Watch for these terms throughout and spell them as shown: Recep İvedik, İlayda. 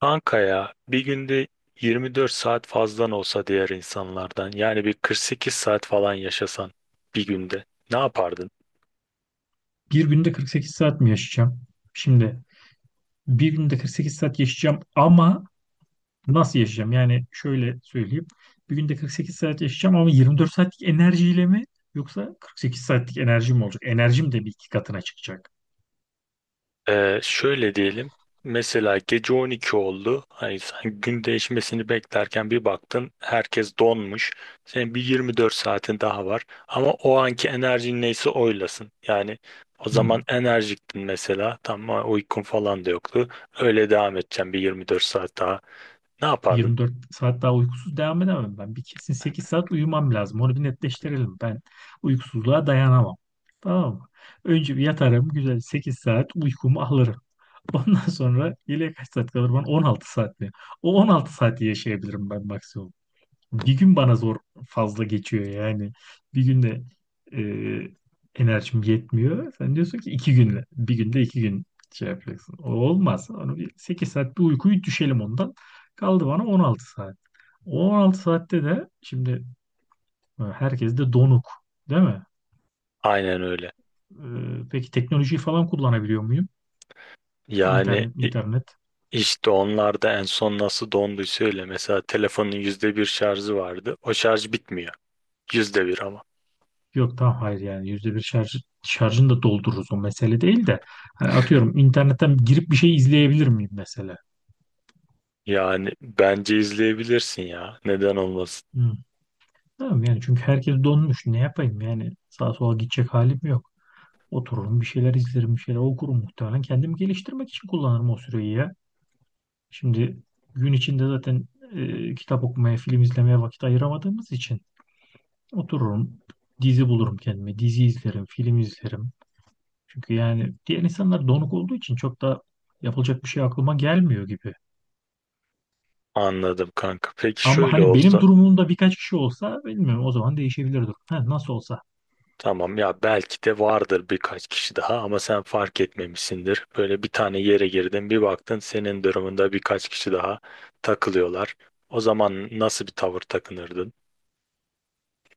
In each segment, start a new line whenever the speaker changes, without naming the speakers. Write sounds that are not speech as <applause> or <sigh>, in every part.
Kanka ya bir günde 24 saat fazlan olsa diğer insanlardan, yani bir 48 saat falan yaşasan bir günde ne yapardın?
Bir günde 48 saat mi yaşayacağım? Şimdi bir günde 48 saat yaşayacağım ama nasıl yaşayacağım? Yani şöyle söyleyeyim. Bir günde 48 saat yaşayacağım ama 24 saatlik enerjiyle mi yoksa 48 saatlik enerjim olacak? Enerjim de bir iki katına çıkacak.
Şöyle diyelim, mesela gece 12 oldu, hani sen gün değişmesini beklerken bir baktın herkes donmuş, senin bir 24 saatin daha var ama o anki enerjin neyse oylasın yani. O zaman
Hmm.
enerjiktin mesela, tamam, uykun falan da yoktu, öyle devam edeceğim bir 24 saat daha, ne yapardın?
24 saat daha uykusuz devam edemem ben. Bir kesin 8 saat uyumam lazım. Onu bir netleştirelim. Ben uykusuzluğa dayanamam. Tamam mı? Önce bir yatarım güzel 8 saat uykumu alırım. <laughs> Ondan sonra geriye kaç saat kalır bana? 16 saat mi? O 16 saati yaşayabilirim ben maksimum. Bir gün bana zor fazla geçiyor yani. Bir günde enerjim yetmiyor. Sen diyorsun ki iki günle. Bir günde iki gün şey yapacaksın. O olmaz. Onu bir 8 saat bir uykuyu düşelim ondan. Kaldı bana 16 saat. O 16 saatte de şimdi herkes de donuk değil mi?
Aynen öyle.
E, peki teknolojiyi falan kullanabiliyor muyum?
Yani
İnternet,
i-
internet.
işte onlar da en son nasıl donduysa öyle. Mesela telefonun yüzde bir şarjı vardı. O şarj bitmiyor. Yüzde bir ama.
Yok tamam, hayır, yani yüzde bir şarj, şarjını da doldururuz, o mesele değil de hani atıyorum internetten girip bir şey izleyebilir miyim mesela?
Yani bence izleyebilirsin ya. Neden olmasın?
Hı. Tamam yani çünkü herkes donmuş, ne yapayım yani, sağa sola gidecek halim yok. Otururum bir şeyler izlerim, bir şeyler okurum, muhtemelen kendimi geliştirmek için kullanırım o süreyi ya. Şimdi gün içinde zaten kitap okumaya, film izlemeye vakit ayıramadığımız için otururum, dizi bulurum kendime, dizi izlerim, film izlerim. Çünkü yani diğer insanlar donuk olduğu için çok da yapılacak bir şey aklıma gelmiyor gibi.
Anladım kanka. Peki
Ama
şöyle
hani benim
olsa.
durumumda birkaç kişi olsa bilmiyorum, o zaman değişebilir durum. Ha, nasıl olsa
Tamam ya, belki de vardır birkaç kişi daha ama sen fark etmemişsindir. Böyle bir tane yere girdin, bir baktın senin durumunda birkaç kişi daha takılıyorlar. O zaman nasıl bir tavır takınırdın?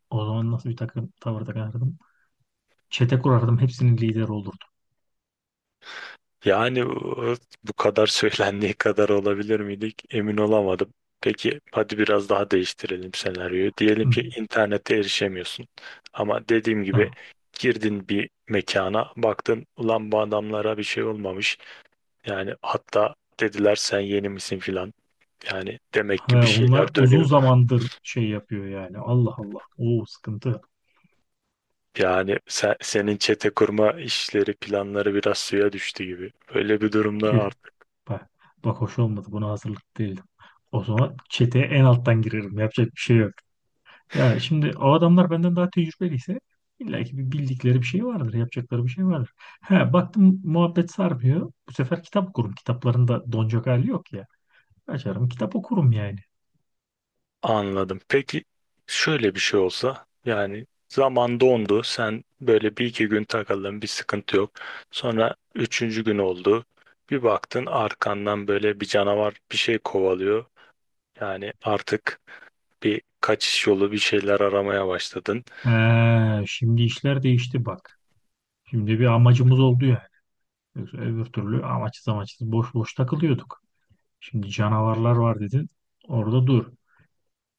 o zaman nasıl bir takım tavır takardım? Çete kurardım, hepsinin lideri olurdu.
Yani o- Bu kadar söylendiği kadar olabilir miydik? Emin olamadım. Peki hadi biraz daha değiştirelim senaryoyu. Diyelim
Hı.
ki internete erişemiyorsun. Ama dediğim gibi,
Ha.
girdin bir mekana, baktın ulan bu adamlara bir şey olmamış. Yani hatta dediler sen yeni misin filan. Yani demek ki bir
Ve
şeyler
onlar uzun
dönüyor.
zamandır şey yapıyor yani, Allah Allah. O sıkıntı.
Senin çete kurma işleri, planları biraz suya düştü gibi. Böyle bir durumda
Tüh. Bak, bak, hoş olmadı, buna hazırlıklı değildim. O zaman çeteye en alttan girerim, yapacak bir şey yok. Ya şimdi o adamlar benden daha tecrübeliyse illa ki bir bildikleri bir şey vardır, yapacakları bir şey vardır. He, baktım muhabbet sarmıyor. Bu sefer kitap okurum. Kitaplarında donacak hali yok ya. Açarım kitap okurum yani.
anladım. Peki şöyle bir şey olsa, yani zaman dondu, sen böyle bir iki gün takıldın, bir sıkıntı yok. Sonra üçüncü gün oldu, bir baktın arkandan böyle bir canavar bir şey kovalıyor. Yani artık bir kaçış yolu, bir şeyler aramaya başladın.
He, şimdi işler değişti bak. Şimdi bir amacımız oldu yani. Yoksa öbür türlü amaçsız amaçsız, boş boş takılıyorduk. Şimdi canavarlar var dedin. Orada dur.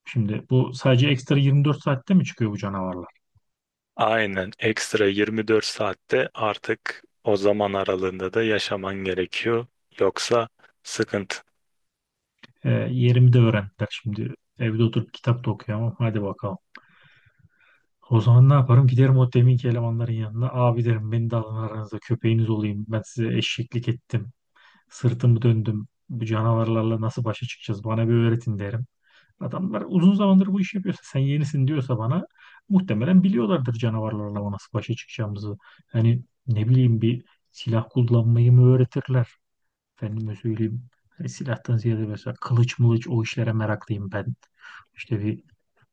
Şimdi bu sadece ekstra 24 saatte mi çıkıyor bu canavarlar?
Aynen, ekstra 24 saatte artık o zaman aralığında da yaşaman gerekiyor. Yoksa sıkıntı.
He, yerimi de öğrendiler şimdi. Evde oturup kitap da okuyamam. Hadi bakalım. O zaman ne yaparım? Giderim o deminki elemanların yanına. Abi derim, beni de alın aranıza, köpeğiniz olayım. Ben size eşeklik ettim. Sırtımı döndüm. Bu canavarlarla nasıl başa çıkacağız? Bana bir öğretin derim. Adamlar uzun zamandır bu işi yapıyorsa, sen yenisin diyorsa bana, muhtemelen biliyorlardır canavarlarla nasıl başa çıkacağımızı. Hani ne bileyim, bir silah kullanmayı mı öğretirler? Efendime söyleyeyim. Hani silahtan ziyade mesela kılıç mılıç o işlere meraklıyım ben. İşte bir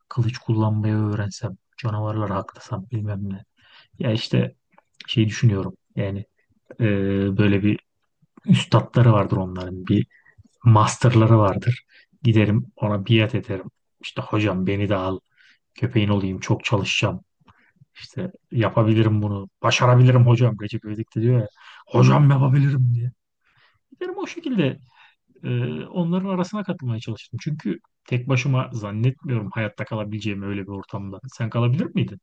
kılıç kullanmayı öğrensem, canavarlar haklasam bilmem ne. Ya işte şey düşünüyorum yani, e, böyle bir üstatları vardır onların, bir masterları vardır. Giderim ona biat ederim. İşte hocam beni de al, köpeğin olayım, çok çalışacağım. İşte yapabilirim bunu. Başarabilirim hocam. Recep İvedik de diyor ya. Hocam yapabilirim diye. Giderim o şekilde e, onların arasına katılmaya çalıştım. Çünkü tek başıma zannetmiyorum hayatta kalabileceğimi öyle bir ortamda. Sen kalabilir miydin?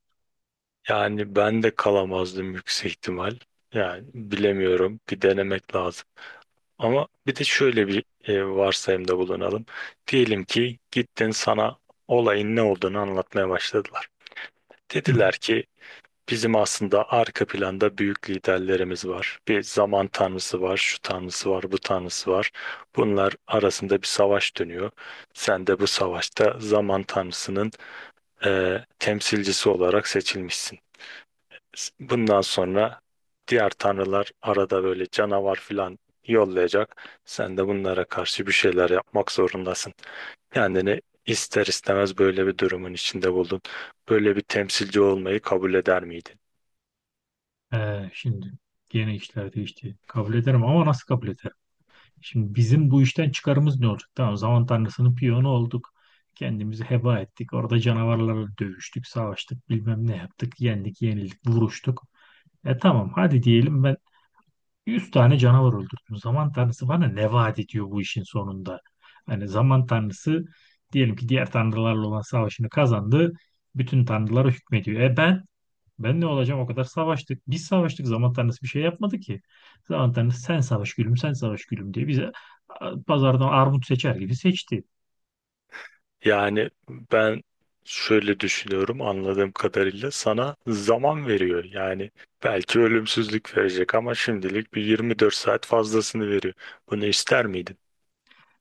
Yani ben de kalamazdım yüksek ihtimal. Yani bilemiyorum. Bir denemek lazım. Ama bir de şöyle bir varsayımda bulunalım. Diyelim ki gittin, sana olayın ne olduğunu anlatmaya başladılar.
Hı.
Dediler ki bizim aslında arka planda büyük liderlerimiz var. Bir zaman tanrısı var, şu tanrısı var, bu tanrısı var. Bunlar arasında bir savaş dönüyor. Sen de bu savaşta zaman tanrısının temsilcisi olarak seçilmişsin. Bundan sonra diğer tanrılar arada böyle canavar filan yollayacak. Sen de bunlara karşı bir şeyler yapmak zorundasın. Kendini ister istemez böyle bir durumun içinde buldun. Böyle bir temsilci olmayı kabul eder miydin?
Ee, şimdi gene işler değişti. Kabul ederim ama nasıl kabul ederim? Şimdi bizim bu işten çıkarımız ne olacak? Tamam, zaman tanrısının piyonu olduk. Kendimizi heba ettik. Orada canavarlarla dövüştük, savaştık, bilmem ne yaptık. Yendik, yenildik, vuruştuk. E tamam, hadi diyelim ben 100 tane canavar öldürdüm. Zaman tanrısı bana ne vaat ediyor bu işin sonunda? Hani zaman tanrısı diyelim ki diğer tanrılarla olan savaşını kazandı. Bütün tanrılara hükmediyor. E ben ne olacağım? O kadar savaştık. Biz savaştık. Zaman tanrısı bir şey yapmadı ki. Zaman tanrısı sen savaş gülüm, sen savaş gülüm diye bize pazardan armut seçer gibi seçti.
Yani ben şöyle düşünüyorum, anladığım kadarıyla sana zaman veriyor. Yani belki ölümsüzlük verecek ama şimdilik bir 24 saat fazlasını veriyor. Bunu ister miydin?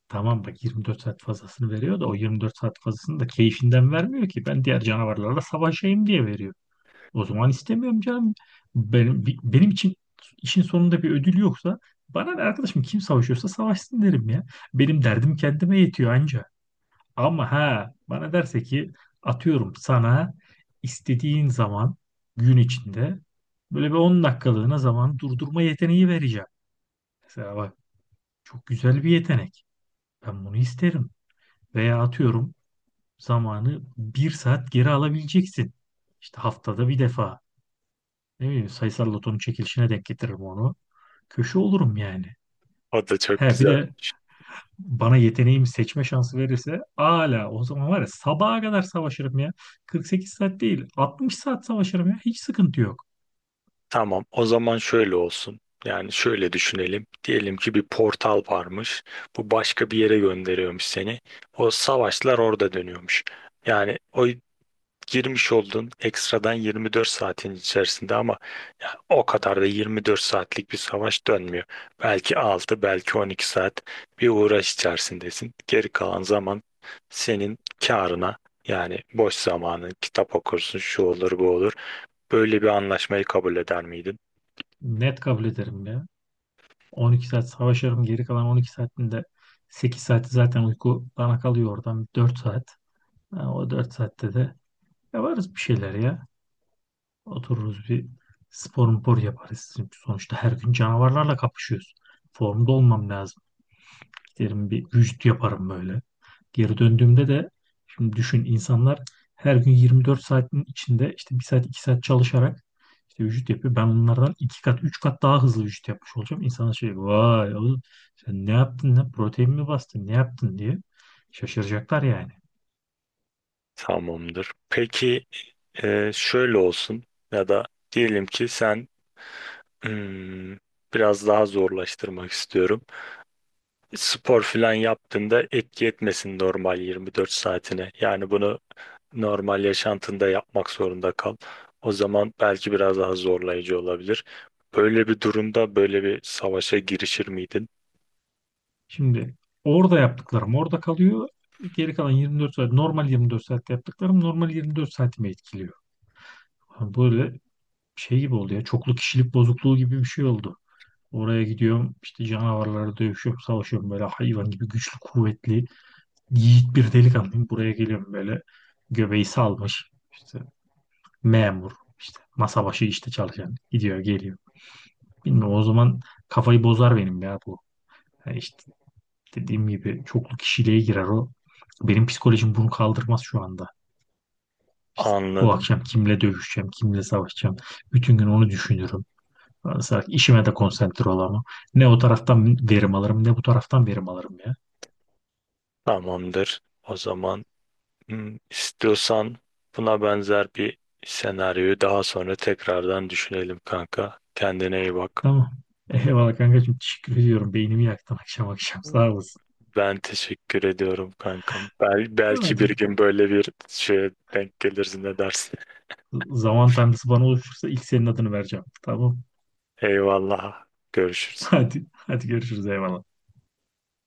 Tamam bak, 24 saat fazlasını veriyor da o 24 saat fazlasını da keyfinden vermiyor ki. Ben diğer canavarlarla savaşayım diye veriyor. O zaman istemiyorum canım. Benim için işin sonunda bir ödül yoksa bana ne arkadaşım, kim savaşıyorsa savaşsın derim ya. Benim derdim kendime yetiyor anca. Ama ha, bana derse ki atıyorum sana istediğin zaman gün içinde böyle bir 10 dakikalığına zaman durdurma yeteneği vereceğim. Mesela bak, çok güzel bir yetenek. Ben bunu isterim. Veya atıyorum, zamanı bir saat geri alabileceksin. İşte haftada bir defa. Ne bileyim, sayısal lotonun çekilişine denk getiririm onu. Köşe olurum yani.
O da çok
He bir
güzel.
de bana yeteneğimi seçme şansı verirse, ala o zaman var ya, sabaha kadar savaşırım ya. 48 saat değil, 60 saat savaşırım ya. Hiç sıkıntı yok.
Tamam, o zaman şöyle olsun. Yani şöyle düşünelim. Diyelim ki bir portal varmış. Bu başka bir yere gönderiyormuş seni. O savaşlar orada dönüyormuş. Yani o girmiş oldun ekstradan 24 saatin içerisinde ama ya o kadar da 24 saatlik bir savaş dönmüyor. Belki 6, belki 12 saat bir uğraş içerisindesin. Geri kalan zaman senin karına, yani boş zamanın, kitap okursun, şu olur bu olur. Böyle bir anlaşmayı kabul eder miydin?
Net kabul ederim ya. 12 saat savaşırım. Geri kalan 12 saatinde 8 saati zaten uyku, bana kalıyor oradan 4 saat. Ha, o 4 saatte de yaparız bir şeyler ya. Otururuz bir spor mpor yaparız. Çünkü sonuçta her gün canavarlarla kapışıyoruz. Formda olmam lazım. Giderim bir vücut yaparım böyle. Geri döndüğümde de şimdi düşün, insanlar her gün 24 saatin içinde işte bir saat 2 saat çalışarak işte vücut yapıyor. Ben bunlardan 2 kat 3 kat daha hızlı vücut yapmış olacağım. İnsanlar şey, vay oğlum sen ne yaptın, ne protein mi bastın ne yaptın diye şaşıracaklar yani.
Tamamdır. Peki şöyle olsun, ya da diyelim ki sen, hmm, biraz daha zorlaştırmak istiyorum. Spor falan yaptığında etki etmesin normal 24 saatine. Yani bunu normal yaşantında yapmak zorunda kal. O zaman belki biraz daha zorlayıcı olabilir. Böyle bir durumda böyle bir savaşa girişir miydin?
Şimdi orada yaptıklarım orada kalıyor. Geri kalan 24 saat, normal 24 saatte yaptıklarım normal 24 saatimi etkiliyor. Böyle şey gibi oldu ya, çoklu kişilik bozukluğu gibi bir şey oldu. Oraya gidiyorum işte canavarlara dövüşüyorum, savaşıyorum, böyle hayvan gibi güçlü, kuvvetli, yiğit bir delikanlıyım. Buraya geliyorum böyle göbeği salmış işte memur, işte masa başı işte çalışan, gidiyor geliyor. Bilmiyorum, o zaman kafayı bozar benim ya bu. Yani işte dediğim gibi çoklu kişiliğe girer o. Benim psikolojim bunu kaldırmaz şu anda. İşte bu
Anladım.
akşam kimle dövüşeceğim, kimle savaşacağım. Bütün gün onu düşünürüm. Mesela işime de konsantre olamam. Ne o taraftan verim alırım ne bu taraftan verim alırım ya.
Tamamdır. O zaman, istiyorsan buna benzer bir senaryoyu daha sonra tekrardan düşünelim kanka. Kendine iyi bak.
Tamam. Eyvallah kankacığım. Teşekkür ediyorum. Beynimi yaktın akşam akşam. Sağ olasın.
Ben teşekkür ediyorum kankam. Belki
Hadi.
bir gün böyle bir şeye denk gelirsin, ne dersin.
Zaman tanrısı bana oluşursa ilk senin adını vereceğim. Tamam.
<laughs> Eyvallah.
<laughs>
Görüşürüz.
Hadi. Hadi görüşürüz. Eyvallah.